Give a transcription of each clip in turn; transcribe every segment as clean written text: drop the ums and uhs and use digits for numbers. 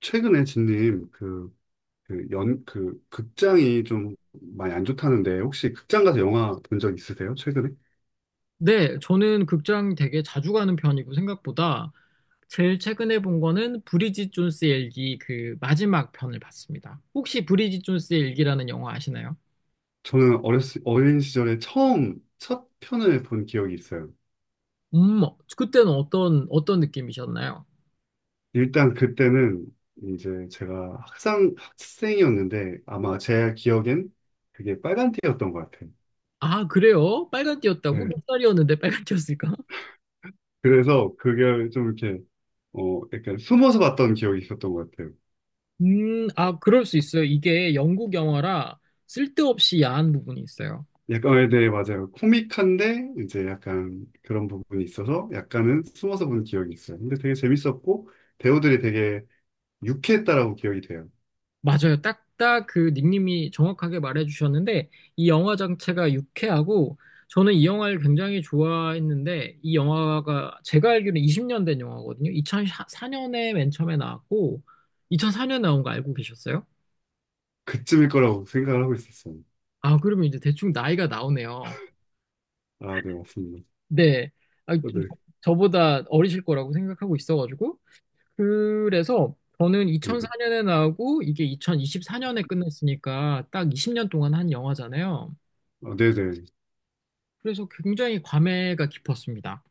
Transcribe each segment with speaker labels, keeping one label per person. Speaker 1: 최근에 진님 그 극장이 좀 많이 안 좋다는데 혹시 극장 가서 영화 본 적 있으세요? 최근에?
Speaker 2: 네, 저는 극장 되게 자주 가는 편이고 생각보다 제일 최근에 본 거는 브리짓 존스의 일기 그 마지막 편을 봤습니다. 혹시 브리짓 존스의 일기라는 영화 아시나요?
Speaker 1: 저는 어린 시절에 처음 첫 편을 본 기억이 있어요.
Speaker 2: 그때는 어떤 느낌이셨나요?
Speaker 1: 일단 그때는 이제 제가 학생, 학생이었는데 아마 제 기억엔 그게 빨간띠였던 것 같아요.
Speaker 2: 아, 그래요? 빨간 띠였다고?
Speaker 1: 네.
Speaker 2: 몇 살이었는데 빨간 띠였을까?
Speaker 1: 그래서 그게 좀 이렇게, 약간 숨어서 봤던 기억이 있었던 것 같아요.
Speaker 2: 그럴 수 있어요. 이게 영국 영화라 쓸데없이 야한 부분이 있어요.
Speaker 1: 약간, 네, 맞아요. 코믹한데, 이제 약간 그런 부분이 있어서 약간은 숨어서 본 기억이 있어요. 근데 되게 재밌었고, 배우들이 되게 유쾌했다라고 기억이 돼요.
Speaker 2: 맞아요. 딱딱 그 닉님이 정확하게 말해주셨는데, 이 영화 자체가 유쾌하고, 저는 이 영화를 굉장히 좋아했는데, 이 영화가 제가 알기로는 20년 된 영화거든요. 2004년에 맨 처음에 나왔고, 2004년에 나온 거 알고 계셨어요?
Speaker 1: 그쯤일 거라고 생각을 하고 있었어요.
Speaker 2: 아, 그러면 이제 대충 나이가 나오네요.
Speaker 1: 아, 네, 맞습니다.
Speaker 2: 네. 아,
Speaker 1: 네,
Speaker 2: 저보다 어리실 거라고 생각하고 있어가지고. 그래서 저는
Speaker 1: 네,
Speaker 2: 2004년에 나오고, 이게 2024년에 끝났으니까 딱 20년 동안 한 영화잖아요.
Speaker 1: 아, 네. 네.
Speaker 2: 그래서 굉장히 감회가 깊었습니다.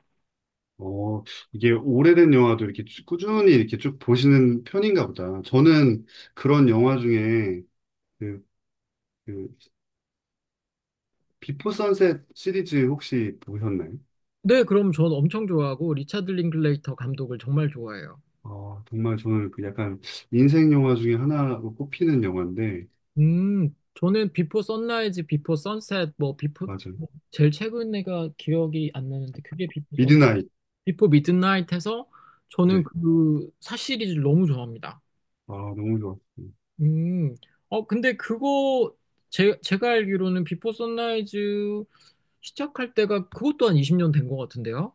Speaker 1: 어, 이게 오래된 영화도 꾸준히 이렇게 쭉 보시는 편인가 보다. 저는 그런 영화 중에 그, 그, 비포 선셋 시리즈 혹시 보셨나요?
Speaker 2: 네, 그럼 전 엄청 좋아하고 리차드 링클레이터 감독을 정말 좋아해요.
Speaker 1: 정말 저는 그 약간 인생 영화 중에 하나로 꼽히는 영화인데,
Speaker 2: 저는 비포 선라이즈, 비포 선셋, 뭐 비포
Speaker 1: 맞아요.
Speaker 2: 제일 최근에가 기억이 안 나는데 그게
Speaker 1: 미드나잇.
Speaker 2: 비포 미드나잇해서
Speaker 1: 네.
Speaker 2: 저는 그 사시리즈 너무 좋아합니다.
Speaker 1: 아, 너무 좋았어요.
Speaker 2: 음, 근데 그거 제 제가 알기로는 비포 선라이즈 시작할 때가 그것 또한 20년 된 것 같은데요?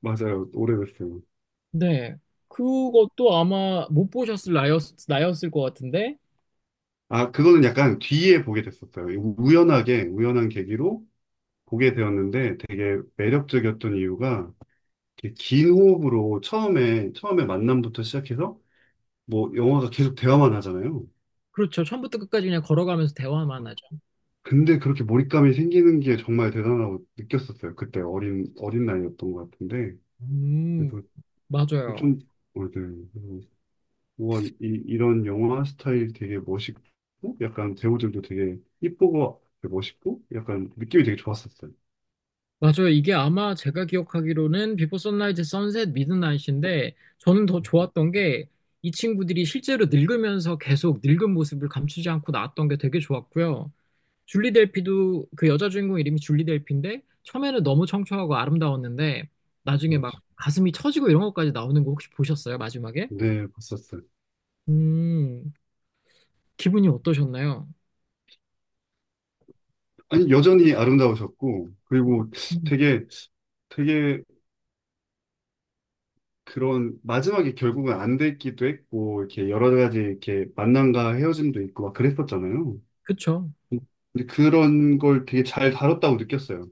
Speaker 1: 맞아요. 오래됐어요.
Speaker 2: 네. 그것도 아마 못 보셨을 나였을 것 같은데.
Speaker 1: 아, 그거는 약간 뒤에 보게 됐었어요. 우연하게, 우연한 계기로 보게 되었는데 되게 매력적이었던 이유가 이렇게 긴 호흡으로 처음에 만남부터 시작해서 뭐 영화가 계속 대화만 하잖아요.
Speaker 2: 그렇죠. 처음부터 끝까지 그냥 걸어가면서 대화만 하죠.
Speaker 1: 근데 그렇게 몰입감이 생기는 게 정말 대단하다고 느꼈었어요. 그때 어린 나이였던 것 같은데.
Speaker 2: 음, 맞아요.
Speaker 1: 좀, 어든 우와, 이런 영화 스타일 되게 멋있고, 약간 배우들도 되게 이쁘고, 되게 멋있고, 약간 느낌이 되게 좋았었어요.
Speaker 2: 맞아요. 이게 아마 제가 기억하기로는 비포 선라이즈, 선셋, 미드나잇인데 저는 더
Speaker 1: 음,
Speaker 2: 좋았던 게 이 친구들이 실제로 늙으면서 계속 늙은 모습을 감추지 않고 나왔던 게 되게 좋았고요. 줄리 델피도 그 여자 주인공 이름이 줄리 델피인데 처음에는 너무 청초하고 아름다웠는데 나중에 막
Speaker 1: 맞죠.
Speaker 2: 가슴이 처지고 이런 것까지 나오는 거 혹시 보셨어요? 마지막에?
Speaker 1: 네, 봤었어요.
Speaker 2: 음, 기분이 어떠셨나요?
Speaker 1: 아니, 여전히 아름다우셨고, 그리고
Speaker 2: 음,
Speaker 1: 되게, 되게 그런, 마지막에 결국은 안 됐기도 했고, 이렇게 여러 가지 이렇게 만남과 헤어짐도 있고, 막 그랬었잖아요.
Speaker 2: 그쵸.
Speaker 1: 근데 그런 걸 되게 잘 다뤘다고 느꼈어요.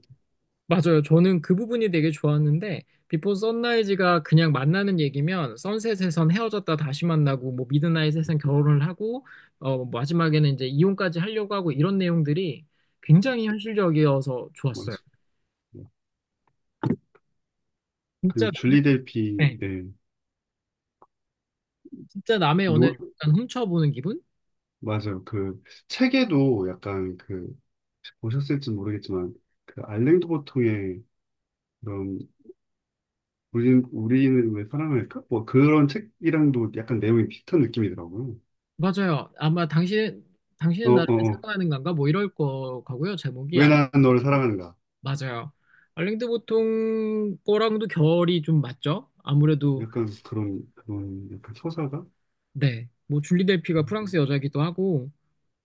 Speaker 2: 맞아요. 저는 그 부분이 되게 좋았는데, 비포 선라이즈가 그냥 만나는 얘기면, 선셋에선 헤어졌다 다시 만나고, 뭐, 미드나잇에선 결혼을 하고, 뭐 마지막에는 이제 이혼까지 하려고 하고, 이런 내용들이 굉장히 현실적이어서 좋았어요.
Speaker 1: 맞아요.
Speaker 2: 진짜
Speaker 1: 그리고
Speaker 2: 남의,
Speaker 1: 줄리 델피,
Speaker 2: 네,
Speaker 1: 예.
Speaker 2: 진짜 남의 연애를 약간 훔쳐보는 기분?
Speaker 1: 맞아요. 그 책에도 약간 그 보셨을지 모르겠지만 그 알랭 도보통의 그런 우리는 왜 사랑할까? 뭐 그런 책이랑도 약간 내용이 비슷한 느낌이더라고요.
Speaker 2: 맞아요. 아마 당신,
Speaker 1: 어,
Speaker 2: 당신은
Speaker 1: 어,
Speaker 2: 나를
Speaker 1: 어.
Speaker 2: 사랑하는 건가? 뭐 이럴 거 같고요. 제목이.
Speaker 1: 왜 난 너를 사랑하는가?
Speaker 2: 맞아요. 알랭드 보통 거랑도 결이 좀 맞죠? 아무래도.
Speaker 1: 약간 그런 약간 서사가.
Speaker 2: 네. 뭐 줄리 del피가
Speaker 1: 음,
Speaker 2: 프랑스 여자이기도 하고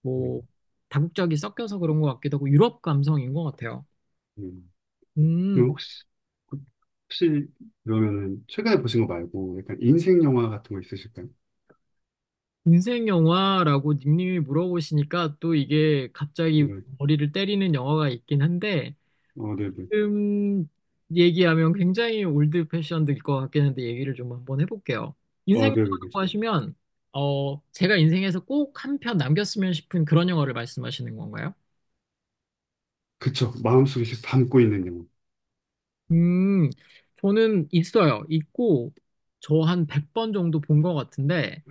Speaker 2: 뭐
Speaker 1: 음.
Speaker 2: 다국적이 섞여서 그런 것 같기도 하고 유럽 감성인 것 같아요.
Speaker 1: 음.
Speaker 2: 음,
Speaker 1: 그럼 혹시 그러면은 최근에 보신 거 말고 약간 인생 영화 같은 거 있으실까요?
Speaker 2: 인생 영화라고 님님이 물어보시니까 또 이게 갑자기
Speaker 1: 이런
Speaker 2: 머리를 때리는 영화가 있긴 한데
Speaker 1: 네네.
Speaker 2: 지금 얘기하면 굉장히 올드 패션들 것 같긴 한데 얘기를 좀 한번 해볼게요. 인생
Speaker 1: 네네.
Speaker 2: 영화라고 하시면 제가 인생에서 꼭 한 편 남겼으면 싶은 그런 영화를 말씀하시는 건가요?
Speaker 1: 그쵸. 마음속에 계속 담고 있는 영화.
Speaker 2: 음 저는 있어요. 있고 저 한 100번 정도 본 것 같은데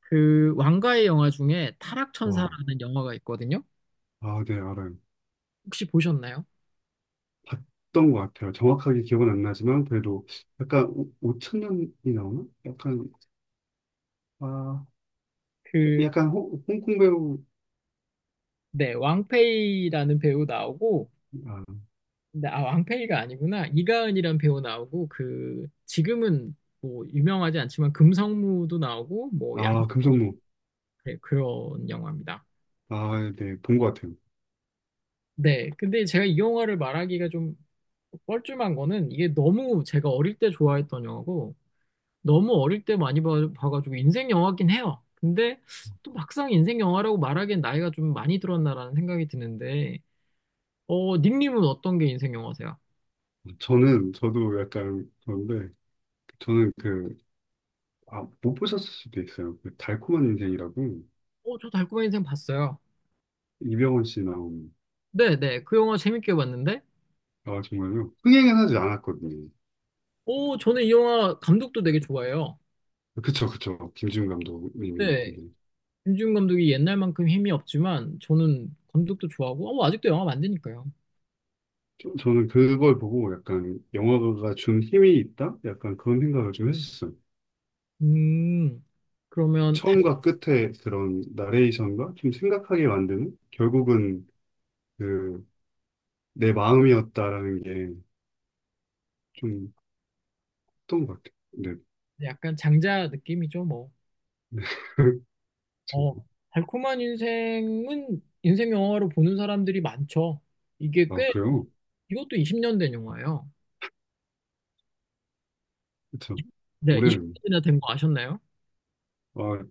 Speaker 2: 그 왕가의 영화 중에
Speaker 1: 와,
Speaker 2: 타락천사라는 영화가 있거든요.
Speaker 1: 아, 네, 알아요.
Speaker 2: 혹시 보셨나요?
Speaker 1: 봤던 것 같아요. 정확하게 기억은 안 나지만 그래도 약간 5천 년이 나오나? 약간 아
Speaker 2: 그
Speaker 1: 약간 홍콩 배우
Speaker 2: 네, 왕페이라는 배우 나오고
Speaker 1: 아,
Speaker 2: 근데 아, 왕팽이가 아니구나. 이가은이란 배우 나오고 그 지금은 뭐 유명하지 않지만 금성무도 나오고 뭐양
Speaker 1: 아 금성무
Speaker 2: 네, 그런 영화입니다.
Speaker 1: 아네본 것 같아요.
Speaker 2: 네. 근데 제가 이 영화를 말하기가 좀 뻘쭘한 거는 이게 너무 제가 어릴 때 좋아했던 영화고 너무 어릴 때 많이 봐가지고 인생 영화긴 해요. 근데 또 막상 인생 영화라고 말하기엔 나이가 좀 많이 들었나라는 생각이 드는데 닉님은 어떤 게 인생 영화세요?
Speaker 1: 저는 저도 약간 그런데 저는 그 아, 못 보셨을 수도 있어요. 그 달콤한 인생이라고
Speaker 2: 어, 저 달콤한 인생 봤어요.
Speaker 1: 이병헌 씨 나온.
Speaker 2: 네네, 그 영화 재밌게 봤는데
Speaker 1: 아, 정말요? 흥행은 하지 않았거든요.
Speaker 2: 오, 저는 이 영화 감독도 되게 좋아해요.
Speaker 1: 그쵸, 그쵸, 김지훈 감독님이
Speaker 2: 네,
Speaker 1: 되게
Speaker 2: 김지훈 감독이 옛날만큼 힘이 없지만 저는 감독도 좋아하고 아직도 영화 만드니까요.
Speaker 1: 저는 그걸 보고 약간 영화가 준 힘이 있다? 약간 그런 생각을 좀 했었어요.
Speaker 2: 음, 그러면.
Speaker 1: 처음과 끝에 그런 나레이션과 좀 생각하게 만드는 결국은 그 내 마음이었다라는 게 좀 컸던 것 같아요. 네.
Speaker 2: 약간 장자 느낌이죠, 뭐.
Speaker 1: 네. 좀.
Speaker 2: 어, 달콤한 인생은 인생 영화로 보는 사람들이 많죠. 이게
Speaker 1: 아,
Speaker 2: 꽤,
Speaker 1: 그래요?
Speaker 2: 이것도 20년 된 영화예요.
Speaker 1: 그쵸.
Speaker 2: 네,
Speaker 1: 올해,
Speaker 2: 20년이나 된 거 아셨나요?
Speaker 1: 아,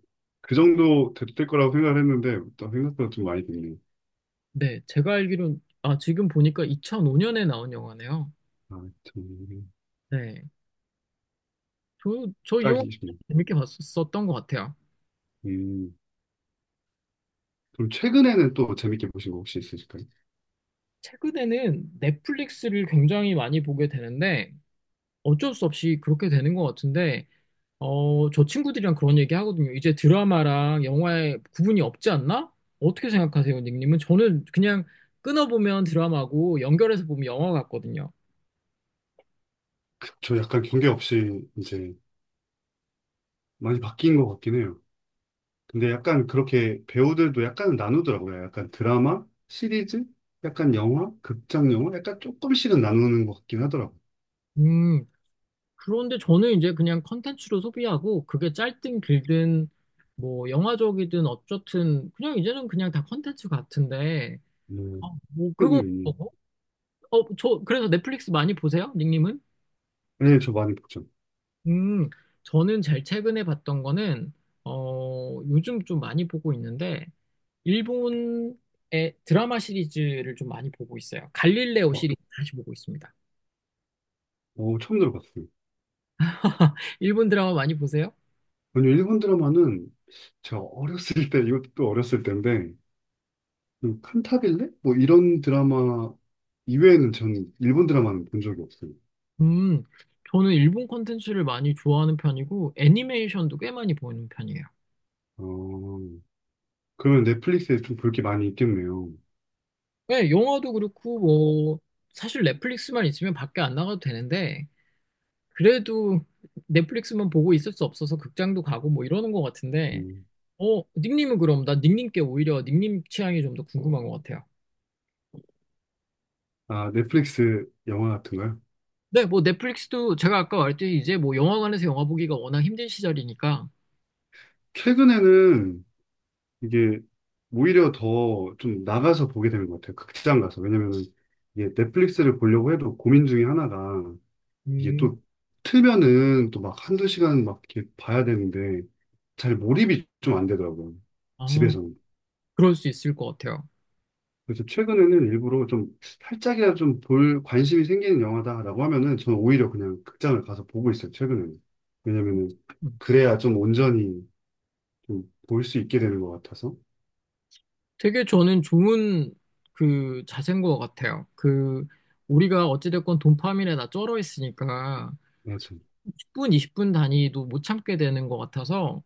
Speaker 1: 그 정도 됐을 거라고 생각을 했는데, 또 생각보다 좀 많이 됐네요.
Speaker 2: 네, 제가 알기로 아, 지금 보니까 2005년에 나온 영화네요.
Speaker 1: 아, 참.
Speaker 2: 네, 저 이 영화
Speaker 1: 딱이,
Speaker 2: 재밌게 봤었던 것 같아요.
Speaker 1: 음. 그럼 최근에는 또 재밌게 보신 거 혹시 있으실까요?
Speaker 2: 최근에는 넷플릭스를 굉장히 많이 보게 되는데 어쩔 수 없이 그렇게 되는 것 같은데 저 친구들이랑 그런 얘기 하거든요. 이제 드라마랑 영화에 구분이 없지 않나? 어떻게 생각하세요, 닉님은? 저는 그냥 끊어보면 드라마고 연결해서 보면 영화 같거든요.
Speaker 1: 저 약간 경계 없이 이제 많이 바뀐 것 같긴 해요. 근데 약간 그렇게 배우들도 약간 나누더라고요. 약간 드라마, 시리즈, 약간 영화, 극장 영화, 약간 조금씩은 나누는 것 같긴 하더라고요.
Speaker 2: 음, 그런데 저는 이제 그냥 컨텐츠로 소비하고 그게 짧든 길든 뭐 영화적이든 어쨌든 그냥 이제는 그냥 다 컨텐츠 같은데 아,
Speaker 1: 음,
Speaker 2: 뭐
Speaker 1: 음,
Speaker 2: 그건 뭐,
Speaker 1: 음.
Speaker 2: 그래서 넷플릭스 많이 보세요? 닉님은?
Speaker 1: 네, 저 많이 봤죠.
Speaker 2: 음, 저는 제일 최근에 봤던 거는, 요즘 좀 많이 보고 있는데, 일본의 드라마 시리즈를 좀 많이 보고 있어요. 갈릴레오
Speaker 1: 어,
Speaker 2: 시리즈 다시 보고 있습니다.
Speaker 1: 어, 처음 들어봤어요.
Speaker 2: 일본 드라마 많이 보세요?
Speaker 1: 먼저 일본 드라마는 제가 어렸을 때, 이것도 어렸을 때인데, 그 칸타빌레? 뭐 이런 드라마 이외에는 저는 일본 드라마는 본 적이 없어요.
Speaker 2: 음, 저는 일본 콘텐츠를 많이 좋아하는 편이고, 애니메이션도 꽤 많이 보는 편이에요.
Speaker 1: 어, 그러면 넷플릭스에 좀 볼 게 많이 있겠네요.
Speaker 2: 네, 영화도 그렇고, 뭐, 사실 넷플릭스만 있으면 밖에 안 나가도 되는데, 그래도 넷플릭스만 보고 있을 수 없어서 극장도 가고 뭐 이러는 것 같은데,
Speaker 1: 음,
Speaker 2: 닉님은 그럼 나 닉님께 오히려 닉님 취향이 좀 더 궁금한 것 같아요.
Speaker 1: 아, 넷플릭스 영화 같은 거요?
Speaker 2: 네, 뭐 넷플릭스도 제가 아까 말했듯이 이제 뭐 영화관에서 영화 보기가 워낙 힘든 시절이니까,
Speaker 1: 최근에는 이게 오히려 더 좀 나가서 보게 되는 것 같아요. 극장 가서. 왜냐면은 이게 넷플릭스를 보려고 해도 고민 중에 하나가 이게
Speaker 2: 음,
Speaker 1: 또 틀면은 또 막 한두 시간 막 이렇게 봐야 되는데 잘 몰입이 좀 안 되더라고요.
Speaker 2: 아,
Speaker 1: 집에서는.
Speaker 2: 그럴 수 있을 것 같아요.
Speaker 1: 그래서 최근에는 일부러 좀 살짝이라도 좀 볼 관심이 생기는 영화다라고 하면은 저는 오히려 그냥 극장을 가서 보고 있어요. 최근에는. 왜냐면은
Speaker 2: 음.
Speaker 1: 그래야 좀 온전히 좀 볼 수 있게 되는 것 같아서.
Speaker 2: 되게 저는 좋은 그 자세인 것 같아요. 그, 우리가 어찌됐건 도파민에다 쩔어 있으니까 10분, 20분 단위도 못 참게 되는 것 같아서,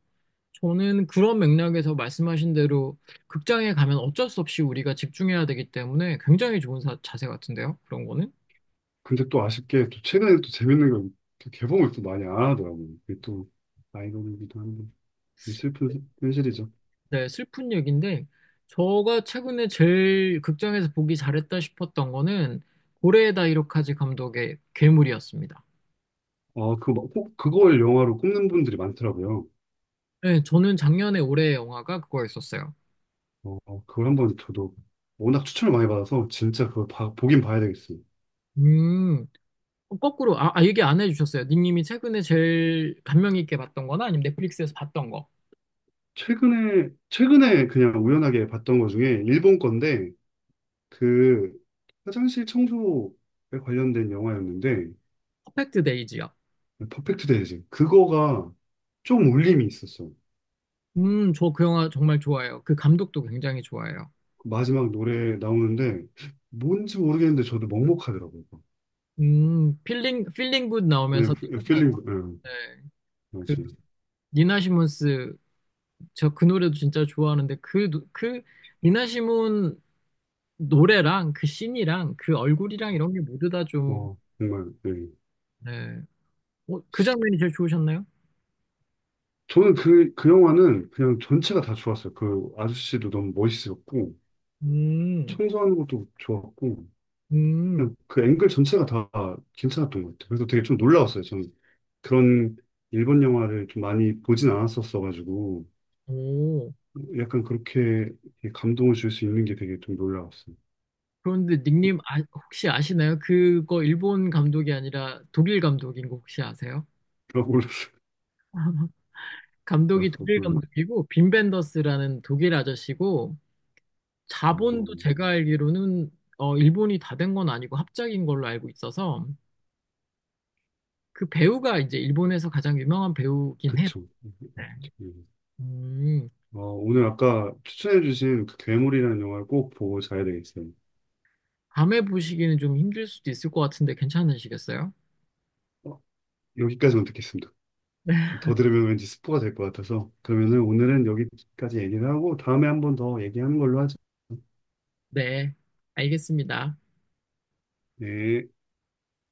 Speaker 2: 저는 그런 맥락에서 말씀하신 대로 극장에 가면 어쩔 수 없이 우리가 집중해야 되기 때문에 굉장히 좋은 자세 같은데요. 그런 거는.
Speaker 1: 근데 또 아쉽게 또 최근에 또 재밌는 걸또 개봉을 또 많이 안 하더라고요. 그게 또 아이러니이기도 한데 좀 슬픈 현실이죠.
Speaker 2: 네, 슬픈 얘기인데 제가 최근에 제일 극장에서 보기 잘했다 싶었던 거는 고레에다 이로카즈 감독의 괴물이었습니다.
Speaker 1: 그거 꼭 그걸 영화로 꼽는 분들이 많더라고요.
Speaker 2: 네, 저는 작년에 올해의 영화가 그거였었어요.
Speaker 1: 어, 어, 그걸 한번 저도 워낙 추천을 많이 받아서 진짜 그걸 보긴 봐야 되겠어요.
Speaker 2: 음, 거꾸로 얘기 안 해주셨어요. 닉님이 최근에 제일 감명 있게 봤던 거나 아니면 넷플릭스에서 봤던 거.
Speaker 1: 최근에 그냥 우연하게 봤던 것 중에 일본 건데 그 화장실 청소에 관련된 영화였는데
Speaker 2: 퍼펙트 데이지요.
Speaker 1: 퍼펙트 데이즈, 그거가 좀 울림이 있었어.
Speaker 2: 저 그 영화 정말 좋아요. 그 감독도 굉장히 좋아요.
Speaker 1: 그 마지막 노래 나오는데 뭔지 모르겠는데 저도 먹먹하더라고요.
Speaker 2: 필링 굿
Speaker 1: 예,
Speaker 2: 나오면서
Speaker 1: 필링,
Speaker 2: 끝나죠.
Speaker 1: 예,
Speaker 2: 네. 그,
Speaker 1: 맞지.
Speaker 2: 니나 시몬스, 저 그 노래도 진짜 좋아하는데, 그, 그, 니나 시몬 노래랑 그 씬이랑 그 얼굴이랑 이런 게 모두 다 좀,
Speaker 1: 와, 정말. 예.
Speaker 2: 네. 그 장면이 제일 좋으셨나요?
Speaker 1: 저는 그 영화는 그냥 전체가 다 좋았어요. 그 아저씨도 너무 멋있었고,
Speaker 2: 음,
Speaker 1: 청소하는 것도 좋았고,
Speaker 2: 음,
Speaker 1: 그냥 그 앵글 전체가 다 괜찮았던 것 같아요. 그래서 되게 좀 놀라웠어요. 저는 그런 일본 영화를 좀 많이 보진 않았었어가지고,
Speaker 2: 오.
Speaker 1: 약간 그렇게 감동을 줄 수 있는 게 되게 좀 놀라웠어요.
Speaker 2: 그런데 닉님, 아, 혹시 아시나요? 그거 일본 감독이 아니라 독일 감독인 거 혹시 아세요?
Speaker 1: 그러고, 아,
Speaker 2: 감독이 독일
Speaker 1: 그렇구나.
Speaker 2: 감독이고 빈 벤더스라는 독일 아저씨고
Speaker 1: 어,
Speaker 2: 자본도 제가 알기로는 일본이 다 된 건 아니고 합작인 걸로 알고 있어서 그 배우가 이제 일본에서 가장 유명한 배우긴 해요.
Speaker 1: 그쵸.
Speaker 2: 네.
Speaker 1: 음.
Speaker 2: 음,
Speaker 1: 오늘 아까 추천해주신 그 괴물이라는 영화를 꼭 보고 자야 되겠어요.
Speaker 2: 밤에 보시기는 좀 힘들 수도 있을 것 같은데 괜찮으시겠어요?
Speaker 1: 어, 여기까지만 듣겠습니다. 더 들으면 왠지 스포가 될 것 같아서. 그러면은 오늘은 여기까지 얘기를 하고 다음에 한번 더 얘기하는 걸로 하죠.
Speaker 2: 네, 알겠습니다.
Speaker 1: 네.